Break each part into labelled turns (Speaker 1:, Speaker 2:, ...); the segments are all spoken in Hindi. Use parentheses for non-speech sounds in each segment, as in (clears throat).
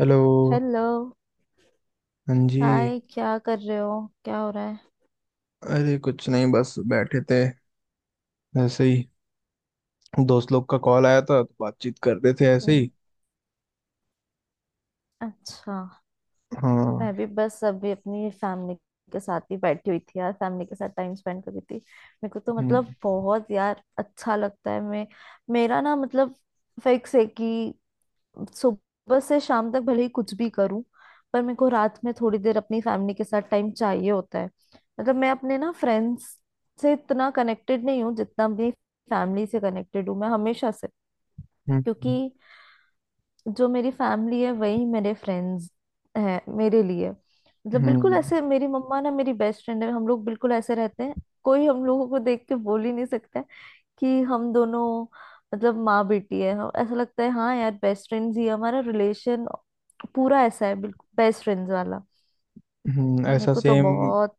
Speaker 1: हेलो।
Speaker 2: हेलो।
Speaker 1: हाँ जी।
Speaker 2: हाय, क्या कर रहे हो? क्या हो रहा है?
Speaker 1: अरे कुछ नहीं, बस बैठे थे ऐसे ही। दोस्त लोग का कॉल आया था तो बातचीत कर रहे थे ऐसे
Speaker 2: हम्म,
Speaker 1: ही।
Speaker 2: अच्छा।
Speaker 1: हाँ।
Speaker 2: मैं भी बस अभी अपनी फैमिली के साथ ही बैठी हुई थी यार, फैमिली के साथ टाइम स्पेंड कर रही थी। मेरे को तो
Speaker 1: हम्म।
Speaker 2: मतलब बहुत यार अच्छा लगता है। मैं मेरा ना मतलब फिक्स है कि सुबह से शाम तक भले ही कुछ भी करूं, पर मेरे को रात में थोड़ी देर अपनी फैमिली के साथ टाइम चाहिए होता है। मतलब मैं अपने ना फ्रेंड्स से इतना कनेक्टेड नहीं हूँ जितना अपनी फैमिली से कनेक्टेड हूँ, मैं हमेशा से।
Speaker 1: हम्म।
Speaker 2: क्योंकि जो मेरी फैमिली है वही मेरे फ्रेंड्स हैं मेरे लिए। मतलब बिल्कुल
Speaker 1: हम्म।
Speaker 2: ऐसे, मेरी मम्मा ना मेरी बेस्ट फ्रेंड है। हम लोग बिल्कुल ऐसे रहते हैं, कोई हम लोगों को देख के बोल ही नहीं सकता कि हम दोनों मतलब माँ बेटी है। ऐसा लगता है हाँ यार बेस्ट फ्रेंड्स ही है। हमारा रिलेशन पूरा ऐसा है, बिल्कुल बेस्ट फ्रेंड्स वाला।
Speaker 1: हम्म।
Speaker 2: तो मेरे
Speaker 1: ऐसा
Speaker 2: को तो
Speaker 1: सेम।
Speaker 2: बहुत।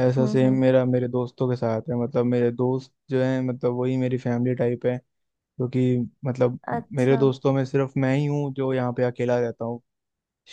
Speaker 2: हम्म। हम्म,
Speaker 1: मेरा मेरे दोस्तों के साथ है, मतलब मेरे दोस्त जो हैं मतलब वही मेरी फैमिली टाइप है। क्योंकि मतलब मेरे
Speaker 2: अच्छा।
Speaker 1: दोस्तों में सिर्फ मैं ही हूँ जो यहाँ पे अकेला रहता हूँ,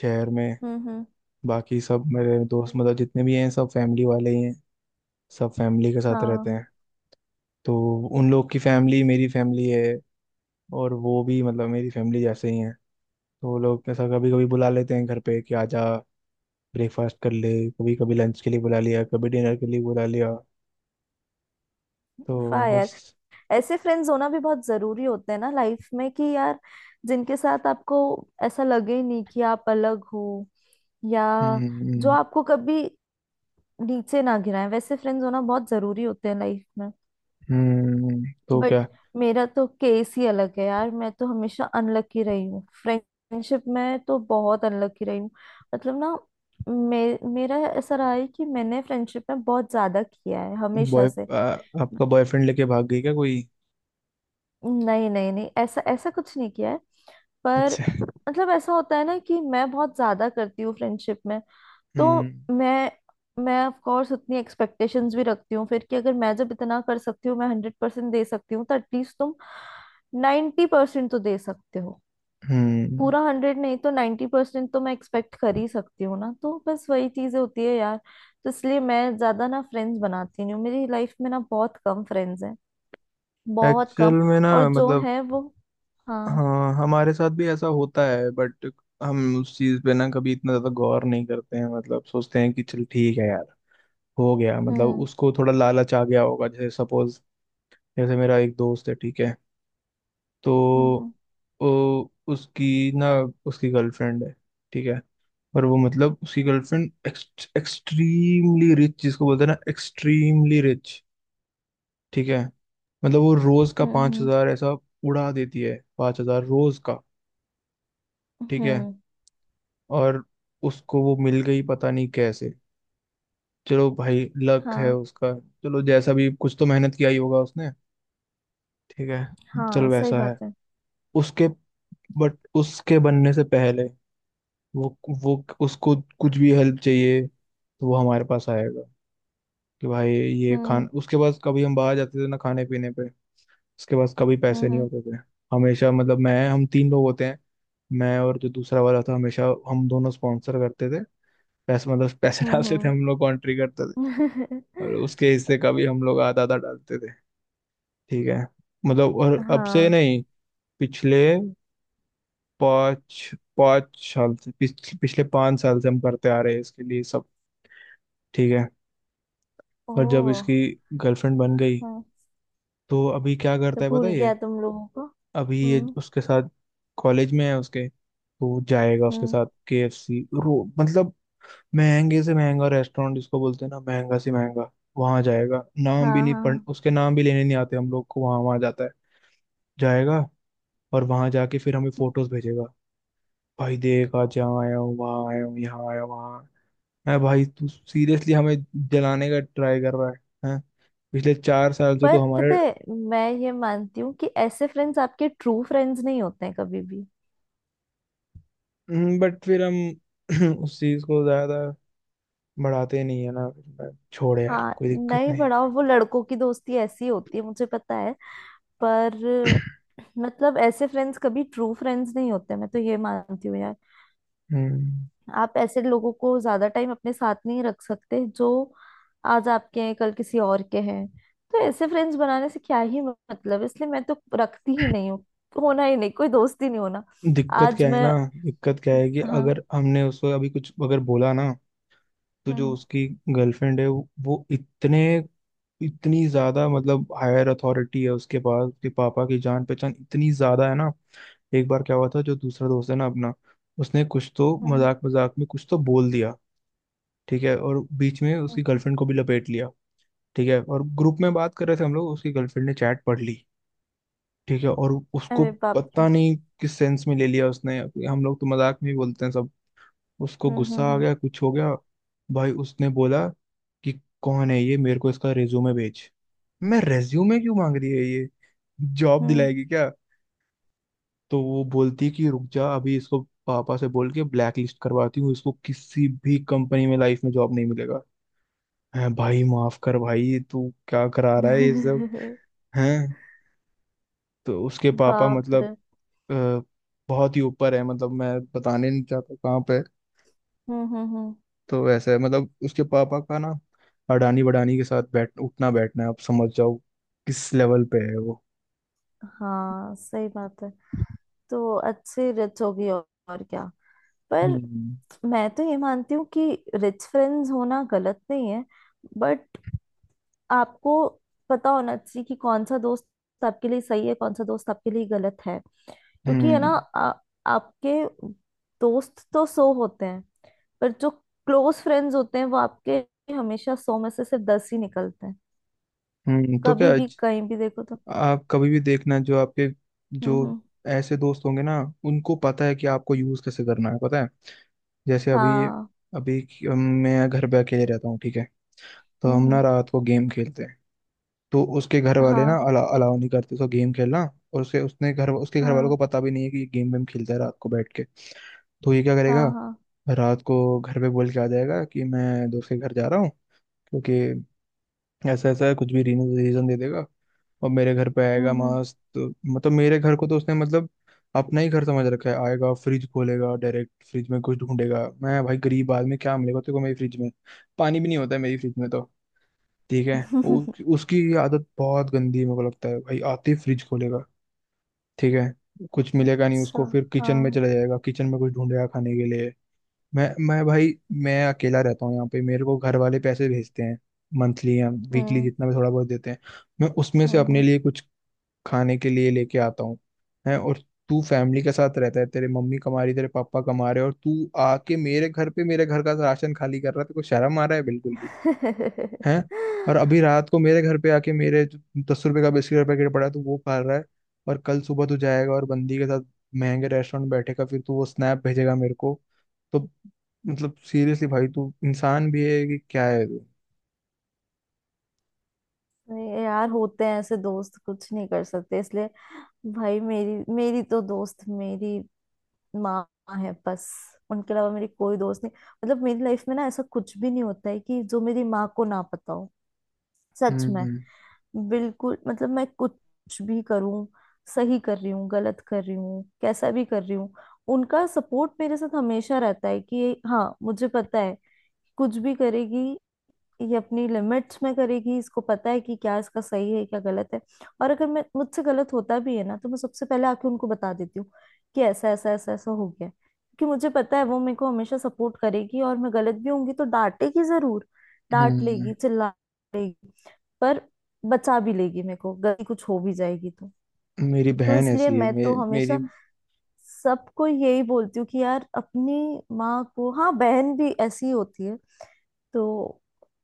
Speaker 1: शहर में।
Speaker 2: हम्म। हम्म।
Speaker 1: बाकी सब मेरे दोस्त मतलब जितने भी हैं सब फैमिली वाले ही हैं, सब फैमिली के साथ रहते
Speaker 2: हाँ।
Speaker 1: हैं। तो उन लोग की फैमिली मेरी फैमिली है, और वो भी मतलब मेरी फैमिली जैसे ही है। तो वो लोग ऐसा कभी कभी बुला लेते हैं घर पे कि आजा, ब्रेकफास्ट कर ले, कभी कभी लंच के लिए बुला लिया, कभी डिनर के लिए बुला लिया, तो
Speaker 2: वाह यार,
Speaker 1: बस।
Speaker 2: ऐसे फ्रेंड्स होना भी बहुत जरूरी होते हैं ना लाइफ में कि यार जिनके साथ आपको ऐसा लगे ही नहीं कि आप अलग हो, या
Speaker 1: हम्म।
Speaker 2: जो
Speaker 1: हम्म।
Speaker 2: आपको कभी नीचे ना गिराए, वैसे फ्रेंड्स होना बहुत जरूरी होते हैं लाइफ में।
Speaker 1: तो
Speaker 2: बट
Speaker 1: क्या।
Speaker 2: मेरा तो केस ही अलग है यार, मैं तो हमेशा अनलकी रही हूँ फ्रेंडशिप में, तो बहुत अनलकी रही हूँ। मतलब ना, मेरा ऐसा रहा है कि मैंने फ्रेंडशिप में बहुत ज्यादा किया है हमेशा
Speaker 1: बॉय
Speaker 2: से।
Speaker 1: आ, आपका बॉयफ्रेंड लेके भाग गई क्या कोई?
Speaker 2: नहीं नहीं नहीं, ऐसा ऐसा कुछ नहीं किया है। पर
Speaker 1: अच्छा।
Speaker 2: मतलब ऐसा होता है ना कि मैं बहुत ज्यादा करती हूँ फ्रेंडशिप में, तो
Speaker 1: हम्म।
Speaker 2: मैं ऑफ कोर्स उतनी एक्सपेक्टेशंस भी रखती हूँ फिर कि अगर मैं जब इतना कर सकती हूँ, मैं हंड्रेड परसेंट दे सकती हूँ, तो एटलीस्ट तुम नाइन्टी परसेंट तो दे सकते हो।
Speaker 1: हम्म।
Speaker 2: पूरा हंड्रेड नहीं तो नाइन्टी परसेंट तो मैं एक्सपेक्ट कर ही सकती हूँ ना। तो बस वही चीजें होती है यार। तो इसलिए मैं ज्यादा ना फ्रेंड्स बनाती नहीं हूँ, मेरी लाइफ में ना बहुत कम फ्रेंड्स हैं, बहुत
Speaker 1: एक्चुअल
Speaker 2: कम।
Speaker 1: में ना
Speaker 2: और जो
Speaker 1: मतलब,
Speaker 2: है वो। हाँ।
Speaker 1: हाँ हमारे साथ भी ऐसा होता है, बट हम उस चीज़ पे ना कभी इतना ज़्यादा गौर नहीं करते हैं, मतलब सोचते हैं कि चल ठीक है यार, हो गया। मतलब
Speaker 2: हम्म।
Speaker 1: उसको थोड़ा लालच आ गया होगा, जैसे सपोज। जैसे मेरा एक दोस्त है, ठीक है,
Speaker 2: हम्म।
Speaker 1: तो
Speaker 2: हम्म।
Speaker 1: वो उसकी ना, उसकी गर्लफ्रेंड है, ठीक है। और वो मतलब उसकी गर्लफ्रेंड एक्सट्रीमली रिच, जिसको बोलते हैं ना एक्सट्रीमली रिच, ठीक है। मतलब वो रोज का
Speaker 2: हम्म।
Speaker 1: पांच
Speaker 2: हम्म।
Speaker 1: हजार ऐसा उड़ा देती है, 5 हज़ार रोज का, ठीक है।
Speaker 2: हम्म।
Speaker 1: और उसको वो मिल गई पता नहीं कैसे, चलो भाई लक है
Speaker 2: हाँ।
Speaker 1: उसका। चलो, जैसा भी कुछ तो मेहनत किया ही होगा उसने, ठीक है। चल
Speaker 2: हाँ, सही
Speaker 1: वैसा
Speaker 2: बात
Speaker 1: है
Speaker 2: है।
Speaker 1: उसके। बट उसके बनने से पहले वो वो उसको कुछ भी हेल्प चाहिए तो वो हमारे पास आएगा कि भाई ये खान।
Speaker 2: हम्म।
Speaker 1: उसके पास, कभी हम बाहर जाते थे ना खाने पीने पे, उसके पास कभी पैसे नहीं
Speaker 2: हम्म।
Speaker 1: होते थे। हमेशा मतलब मैं, हम 3 लोग होते हैं, मैं और जो दूसरा वाला था, हमेशा हम दोनों स्पॉन्सर करते थे, पैसे मतलब पैसे (laughs) डालते थे,
Speaker 2: हम्म।
Speaker 1: हम लोग कॉन्ट्री करते थे।
Speaker 2: हम्म। (laughs)
Speaker 1: और उसके हिस्से का भी हम लोग आधा आधा डालते थे, ठीक है। मतलब और अब से
Speaker 2: हाँ।
Speaker 1: नहीं, पिछले पाँच पाँच साल से, पिछले 5 साल से हम करते आ रहे हैं इसके लिए सब, ठीक है।
Speaker 2: ओ।
Speaker 1: पर जब इसकी गर्लफ्रेंड बन गई
Speaker 2: हाँ,
Speaker 1: तो अभी क्या
Speaker 2: तो
Speaker 1: करता है पता
Speaker 2: भूल
Speaker 1: है ये।
Speaker 2: गया तुम लोगों को।
Speaker 1: अभी ये
Speaker 2: हम्म।
Speaker 1: उसके साथ कॉलेज में है उसके, तो वो जाएगा उसके
Speaker 2: हम्म।
Speaker 1: साथ KFC, रो मतलब महंगे से महंगा रेस्टोरेंट जिसको बोलते हैं ना, महंगा से महंगा वहां जाएगा। नाम भी
Speaker 2: हाँ,
Speaker 1: नहीं
Speaker 2: हाँ।
Speaker 1: पढ़, उसके नाम भी लेने नहीं आते हम लोग को, वहां वहां जाता है जाएगा। और वहां जाके फिर हमें फोटोज भेजेगा, भाई देख आज यहाँ आया हूँ वहाँ आया हूँ यहाँ आया हूँ वहाँ। है भाई, तू सीरियसली हमें जलाने का ट्राई कर रहा है? हैं? पिछले 4 साल से
Speaker 2: पर
Speaker 1: तो
Speaker 2: पता
Speaker 1: हमारे।
Speaker 2: है, मैं ये मानती हूँ कि ऐसे फ्रेंड्स आपके ट्रू फ्रेंड्स नहीं होते हैं कभी भी।
Speaker 1: बट फिर हम (clears throat) उस चीज को ज्यादा बढ़ाते नहीं है ना, छोड़ यार
Speaker 2: हाँ,
Speaker 1: कोई दिक्कत
Speaker 2: नहीं
Speaker 1: नहीं।
Speaker 2: बढ़ाओ। वो लड़कों की दोस्ती ऐसी होती है, मुझे पता है। पर
Speaker 1: (clears throat)
Speaker 2: मतलब ऐसे फ्रेंड्स कभी ट्रू फ्रेंड्स नहीं होते, मैं तो ये मानती हूँ।
Speaker 1: हम्म।
Speaker 2: आप ऐसे लोगों को ज्यादा टाइम अपने साथ नहीं रख सकते जो आज आपके हैं कल किसी और के हैं। तो ऐसे फ्रेंड्स बनाने से क्या ही मतलब, इसलिए मैं तो रखती ही नहीं हूँ, होना ही नहीं, कोई दोस्ती नहीं होना।
Speaker 1: दिक्कत
Speaker 2: आज
Speaker 1: क्या है
Speaker 2: मैं।
Speaker 1: ना, दिक्कत क्या है कि
Speaker 2: हाँ।
Speaker 1: अगर हमने उसको अभी कुछ अगर बोला ना, तो जो
Speaker 2: हम्म।
Speaker 1: उसकी गर्लफ्रेंड है वो इतने, इतनी ज्यादा मतलब हायर अथॉरिटी है उसके पास, उसके पापा की जान पहचान इतनी ज्यादा है ना। एक बार क्या हुआ था, जो दूसरा दोस्त है ना अपना, उसने कुछ तो
Speaker 2: हम्म।
Speaker 1: मजाक मजाक में कुछ तो बोल दिया, ठीक है, और बीच में उसकी
Speaker 2: हम्म, हम्म।
Speaker 1: गर्लफ्रेंड को भी लपेट लिया, ठीक है। और ग्रुप में बात कर रहे थे हम लोग, उसकी गर्लफ्रेंड ने चैट पढ़ ली, ठीक है। और उसको
Speaker 2: अरे बाप रे।
Speaker 1: पता नहीं किस सेंस में ले लिया उसने, हम लोग तो मजाक में ही बोलते हैं सब। उसको
Speaker 2: हम्म।
Speaker 1: गुस्सा आ
Speaker 2: हम्म।
Speaker 1: गया कुछ हो गया, भाई उसने बोला कि कौन है ये, मेरे को इसका रेज्यूमे भेज। मैं रेज्यूमे क्यों मांग रही है ये, जॉब
Speaker 2: हम्म।
Speaker 1: दिलाएगी क्या? तो वो बोलती है कि रुक जा अभी इसको, पापा से बोल के ब्लैक लिस्ट करवाती हूँ इसको, किसी भी कंपनी में लाइफ में जॉब नहीं मिलेगा। हैं? भाई माफ कर, भाई तू क्या करा रहा है ये सब?
Speaker 2: हम्म।
Speaker 1: हैं? तो उसके
Speaker 2: (laughs)
Speaker 1: पापा
Speaker 2: बाप
Speaker 1: मतलब
Speaker 2: रे।
Speaker 1: अ, बहुत ही ऊपर है, मतलब मैं बताने नहीं चाहता कहाँ पे।
Speaker 2: हम्म। हम्म। हम्म।
Speaker 1: तो वैसे है मतलब उसके पापा का ना अडानी बडानी के साथ बैठ उठना बैठना है, आप समझ जाओ किस लेवल पे है वो।
Speaker 2: हाँ, सही बात है। तो अच्छी रिच होगी और क्या। पर
Speaker 1: हम्म।
Speaker 2: मैं तो ये मानती हूँ कि रिच फ्रेंड्स होना गलत नहीं है, बट आपको पता होना चाहिए कि कौन सा दोस्त आपके लिए सही है, कौन सा दोस्त आपके लिए गलत है। क्योंकि है ना
Speaker 1: हम्म।
Speaker 2: आ, आपके दोस्त तो सौ होते हैं, पर जो क्लोज फ्रेंड्स होते हैं वो आपके हमेशा सौ में से सिर्फ दस ही निकलते हैं।
Speaker 1: तो
Speaker 2: कभी
Speaker 1: क्या।
Speaker 2: भी कहीं भी देखो तो।
Speaker 1: आप कभी भी देखना, जो आपके
Speaker 2: हम्म।
Speaker 1: जो
Speaker 2: हम्म।
Speaker 1: ऐसे दोस्त होंगे ना, उनको पता है कि आपको यूज कैसे करना है, पता है। जैसे अभी,
Speaker 2: हाँ।
Speaker 1: अभी मैं घर पे अकेले रहता हूँ, ठीक है, तो
Speaker 2: हम्म।
Speaker 1: हम ना
Speaker 2: हम्म।
Speaker 1: रात को गेम खेलते हैं, तो उसके घर वाले ना
Speaker 2: हाँ।
Speaker 1: अलाउ नहीं करते उसको गेम खेलना। और उसके उसने घर उसके घर वालों
Speaker 2: हाँ।
Speaker 1: को पता भी नहीं है कि ये गेम वेम खेलता है रात को बैठ के। तो ये क्या
Speaker 2: हाँ।
Speaker 1: करेगा,
Speaker 2: हाँ।
Speaker 1: रात को घर पे बोल के आ जाएगा कि मैं दोस्त के घर जा रहा हूँ, क्योंकि ऐसा ऐसा है, कुछ भी रीजन दे देगा। और मेरे घर पे आएगा
Speaker 2: हम्म।
Speaker 1: मस्त, मतलब मेरे घर को तो उसने मतलब अपना ही घर समझ रखा है। आएगा फ्रिज खोलेगा, डायरेक्ट फ्रिज में कुछ ढूंढेगा, मैं भाई गरीब आदमी क्या मिलेगा तेरे को मेरी फ्रिज में, पानी भी नहीं होता है मेरी फ्रिज में तो, ठीक है।
Speaker 2: हम्म।
Speaker 1: उ, उसकी ये आदत बहुत गंदी है, मेरे को लगता है भाई आते ही फ्रिज खोलेगा, ठीक है। कुछ
Speaker 2: (laughs)
Speaker 1: मिलेगा नहीं
Speaker 2: अच्छा।
Speaker 1: उसको फिर किचन में
Speaker 2: हाँ।
Speaker 1: चला जाएगा, किचन में कुछ ढूंढेगा खाने के लिए। मैं भाई, मैं अकेला रहता हूँ यहाँ पे, मेरे को घर वाले पैसे भेजते हैं, मंथली या वीकली,
Speaker 2: हम्म।
Speaker 1: जितना भी थोड़ा बहुत देते हैं, मैं उसमें
Speaker 2: हम्म।
Speaker 1: से अपने
Speaker 2: हम्म।
Speaker 1: लिए कुछ खाने के लिए लेके आता हूँ। है? और तू फैमिली के साथ रहता है, तेरे मम्मी कमा रही, तेरे पापा कमा रहे, और तू आके मेरे घर पे मेरे घर का राशन खाली कर रहा है, तेरे को शर्म आ रहा है बिल्कुल?
Speaker 2: नहीं,
Speaker 1: हैं? और अभी रात को मेरे घर पे आके मेरे जो 10 रुपए का बिस्किट का पैकेट पड़ा है तो वो खा रहा है, और कल सुबह तू जाएगा और बंदी के साथ महंगे रेस्टोरेंट में बैठेगा, फिर तू वो स्नैप भेजेगा मेरे को। तो मतलब सीरियसली भाई, तू इंसान भी है कि क्या है तू?
Speaker 2: यार होते हैं ऐसे दोस्त, कुछ नहीं कर सकते इसलिए। भाई मेरी मेरी तो दोस्त मेरी माँ है बस, उनके अलावा मेरी कोई दोस्त नहीं। मतलब मेरी लाइफ में ना ऐसा कुछ भी नहीं होता है कि जो मेरी माँ को ना पता हो, सच में।
Speaker 1: हम्म।
Speaker 2: बिल्कुल मतलब मैं कुछ भी करूँ, सही कर रही हूँ गलत कर रही हूँ कैसा भी कर रही हूँ, उनका सपोर्ट मेरे साथ हमेशा रहता है। कि हाँ मुझे पता है, कुछ भी करेगी ये अपनी लिमिट्स में करेगी, इसको पता है कि क्या इसका सही है क्या गलत है। और अगर मैं मुझसे गलत होता भी है ना, तो मैं सबसे पहले आके उनको बता देती हूँ कि ऐसा ऐसा ऐसा ऐसा हो गया। क्योंकि मुझे पता है वो मेरे को हमेशा सपोर्ट करेगी, और मैं गलत भी होंगी तो डांटेगी जरूर, डांट
Speaker 1: हम्म।
Speaker 2: लेगी, चिल्ला लेगी, पर बचा भी लेगी मेरे को। गलती कुछ हो भी जाएगी तो।
Speaker 1: मेरी
Speaker 2: तो
Speaker 1: बहन
Speaker 2: इसलिए
Speaker 1: ऐसी है
Speaker 2: मैं तो
Speaker 1: मेरी,
Speaker 2: हमेशा सबको यही बोलती हूँ कि यार अपनी माँ को, हाँ बहन भी ऐसी ही होती है, तो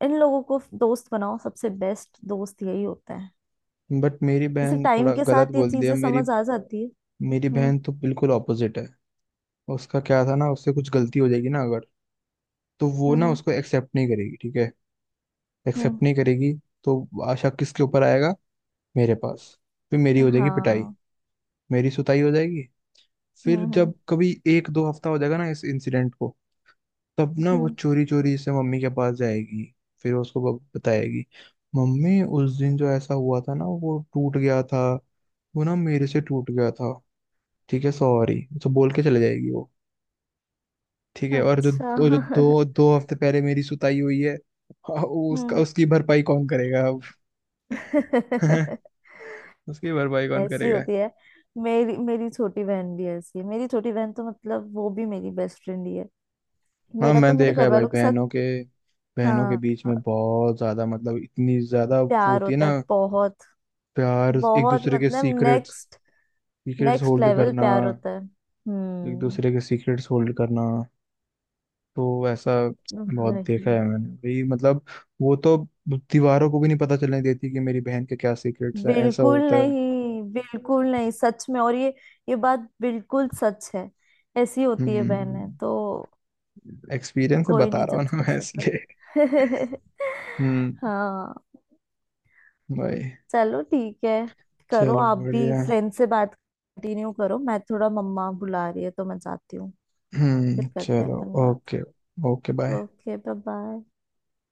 Speaker 2: इन लोगों को दोस्त बनाओ, सबसे बेस्ट दोस्त यही होता है।
Speaker 1: बट मेरी
Speaker 2: जैसे
Speaker 1: बहन
Speaker 2: टाइम
Speaker 1: थोड़ा
Speaker 2: के
Speaker 1: गलत
Speaker 2: साथ ये
Speaker 1: बोल दिया,
Speaker 2: चीजें
Speaker 1: मेरी
Speaker 2: समझ आ जाती है।
Speaker 1: मेरी
Speaker 2: हम्म।
Speaker 1: बहन तो बिल्कुल ऑपोजिट है। उसका क्या था ना, उससे कुछ गलती हो जाएगी ना अगर, तो वो ना
Speaker 2: हम्म।
Speaker 1: उसको एक्सेप्ट नहीं करेगी, ठीक है,
Speaker 2: हम्म।
Speaker 1: एक्सेप्ट नहीं करेगी। तो आशा किसके ऊपर आएगा, मेरे पास। फिर मेरी हो जाएगी पिटाई,
Speaker 2: हाँ।
Speaker 1: मेरी सुताई हो जाएगी।
Speaker 2: हम्म।
Speaker 1: फिर
Speaker 2: हम्म।
Speaker 1: जब कभी एक दो हफ्ता हो जाएगा ना इस इंसिडेंट को, तब ना वो
Speaker 2: हम्म,
Speaker 1: चोरी चोरी से मम्मी के पास जाएगी, फिर उसको बताएगी, मम्मी उस दिन जो ऐसा हुआ था ना वो टूट गया था, वो ना मेरे से टूट गया था, ठीक है सॉरी, तो बोल के चले जाएगी वो, ठीक है। और जो
Speaker 2: अच्छा।
Speaker 1: वो जो
Speaker 2: (laughs)
Speaker 1: दो दो हफ्ते पहले मेरी सुताई हुई है (laughs) उसका
Speaker 2: हम्म।
Speaker 1: उसकी भरपाई कौन करेगा अब? (laughs)
Speaker 2: (laughs)
Speaker 1: उसकी भरपाई कौन
Speaker 2: ऐसी
Speaker 1: करेगा?
Speaker 2: होती है। मेरी मेरी छोटी बहन भी ऐसी है, मेरी छोटी बहन तो मतलब वो भी मेरी बेस्ट फ्रेंड ही है।
Speaker 1: हाँ
Speaker 2: मेरा तो
Speaker 1: मैंने
Speaker 2: मेरे
Speaker 1: देखा है
Speaker 2: घर
Speaker 1: भाई,
Speaker 2: वालों के साथ।
Speaker 1: बहनों के
Speaker 2: हाँ,
Speaker 1: बीच में बहुत ज्यादा, मतलब इतनी ज्यादा वो
Speaker 2: प्यार
Speaker 1: होती है
Speaker 2: होता है
Speaker 1: ना,
Speaker 2: बहुत,
Speaker 1: प्यार। एक
Speaker 2: बहुत।
Speaker 1: दूसरे के
Speaker 2: मतलब
Speaker 1: secrets,
Speaker 2: next
Speaker 1: secrets
Speaker 2: next
Speaker 1: hold
Speaker 2: level
Speaker 1: करना,
Speaker 2: प्यार होता है।
Speaker 1: एक
Speaker 2: हम्म,
Speaker 1: दूसरे के सीक्रेट्स होल्ड करना। तो ऐसा बहुत
Speaker 2: वही।
Speaker 1: देखा है मैंने भाई, मतलब वो तो दीवारों को भी नहीं पता चलने देती कि मेरी बहन के क्या सीक्रेट्स हैं, ऐसा होता है।
Speaker 2: बिल्कुल नहीं सच में। और ये बात बिल्कुल सच है, ऐसी होती है बहनें
Speaker 1: हम्म।
Speaker 2: तो।
Speaker 1: एक्सपीरियंस से
Speaker 2: कोई
Speaker 1: बता
Speaker 2: नहीं
Speaker 1: रहा हूँ
Speaker 2: जज
Speaker 1: ना
Speaker 2: कर
Speaker 1: मैं
Speaker 2: सकता।
Speaker 1: इसलिए।
Speaker 2: (laughs)
Speaker 1: (laughs) हम्म।
Speaker 2: हाँ।
Speaker 1: भाई,
Speaker 2: चलो ठीक है, करो
Speaker 1: चलो
Speaker 2: आप भी
Speaker 1: बढ़िया।
Speaker 2: फ्रेंड से बात कंटिन्यू करो, मैं थोड़ा मम्मा बुला रही है तो मैं जाती हूँ। फिर करते हैं
Speaker 1: चलो।
Speaker 2: अपन बात।
Speaker 1: Okay. Okay bye.
Speaker 2: Okay bye bye.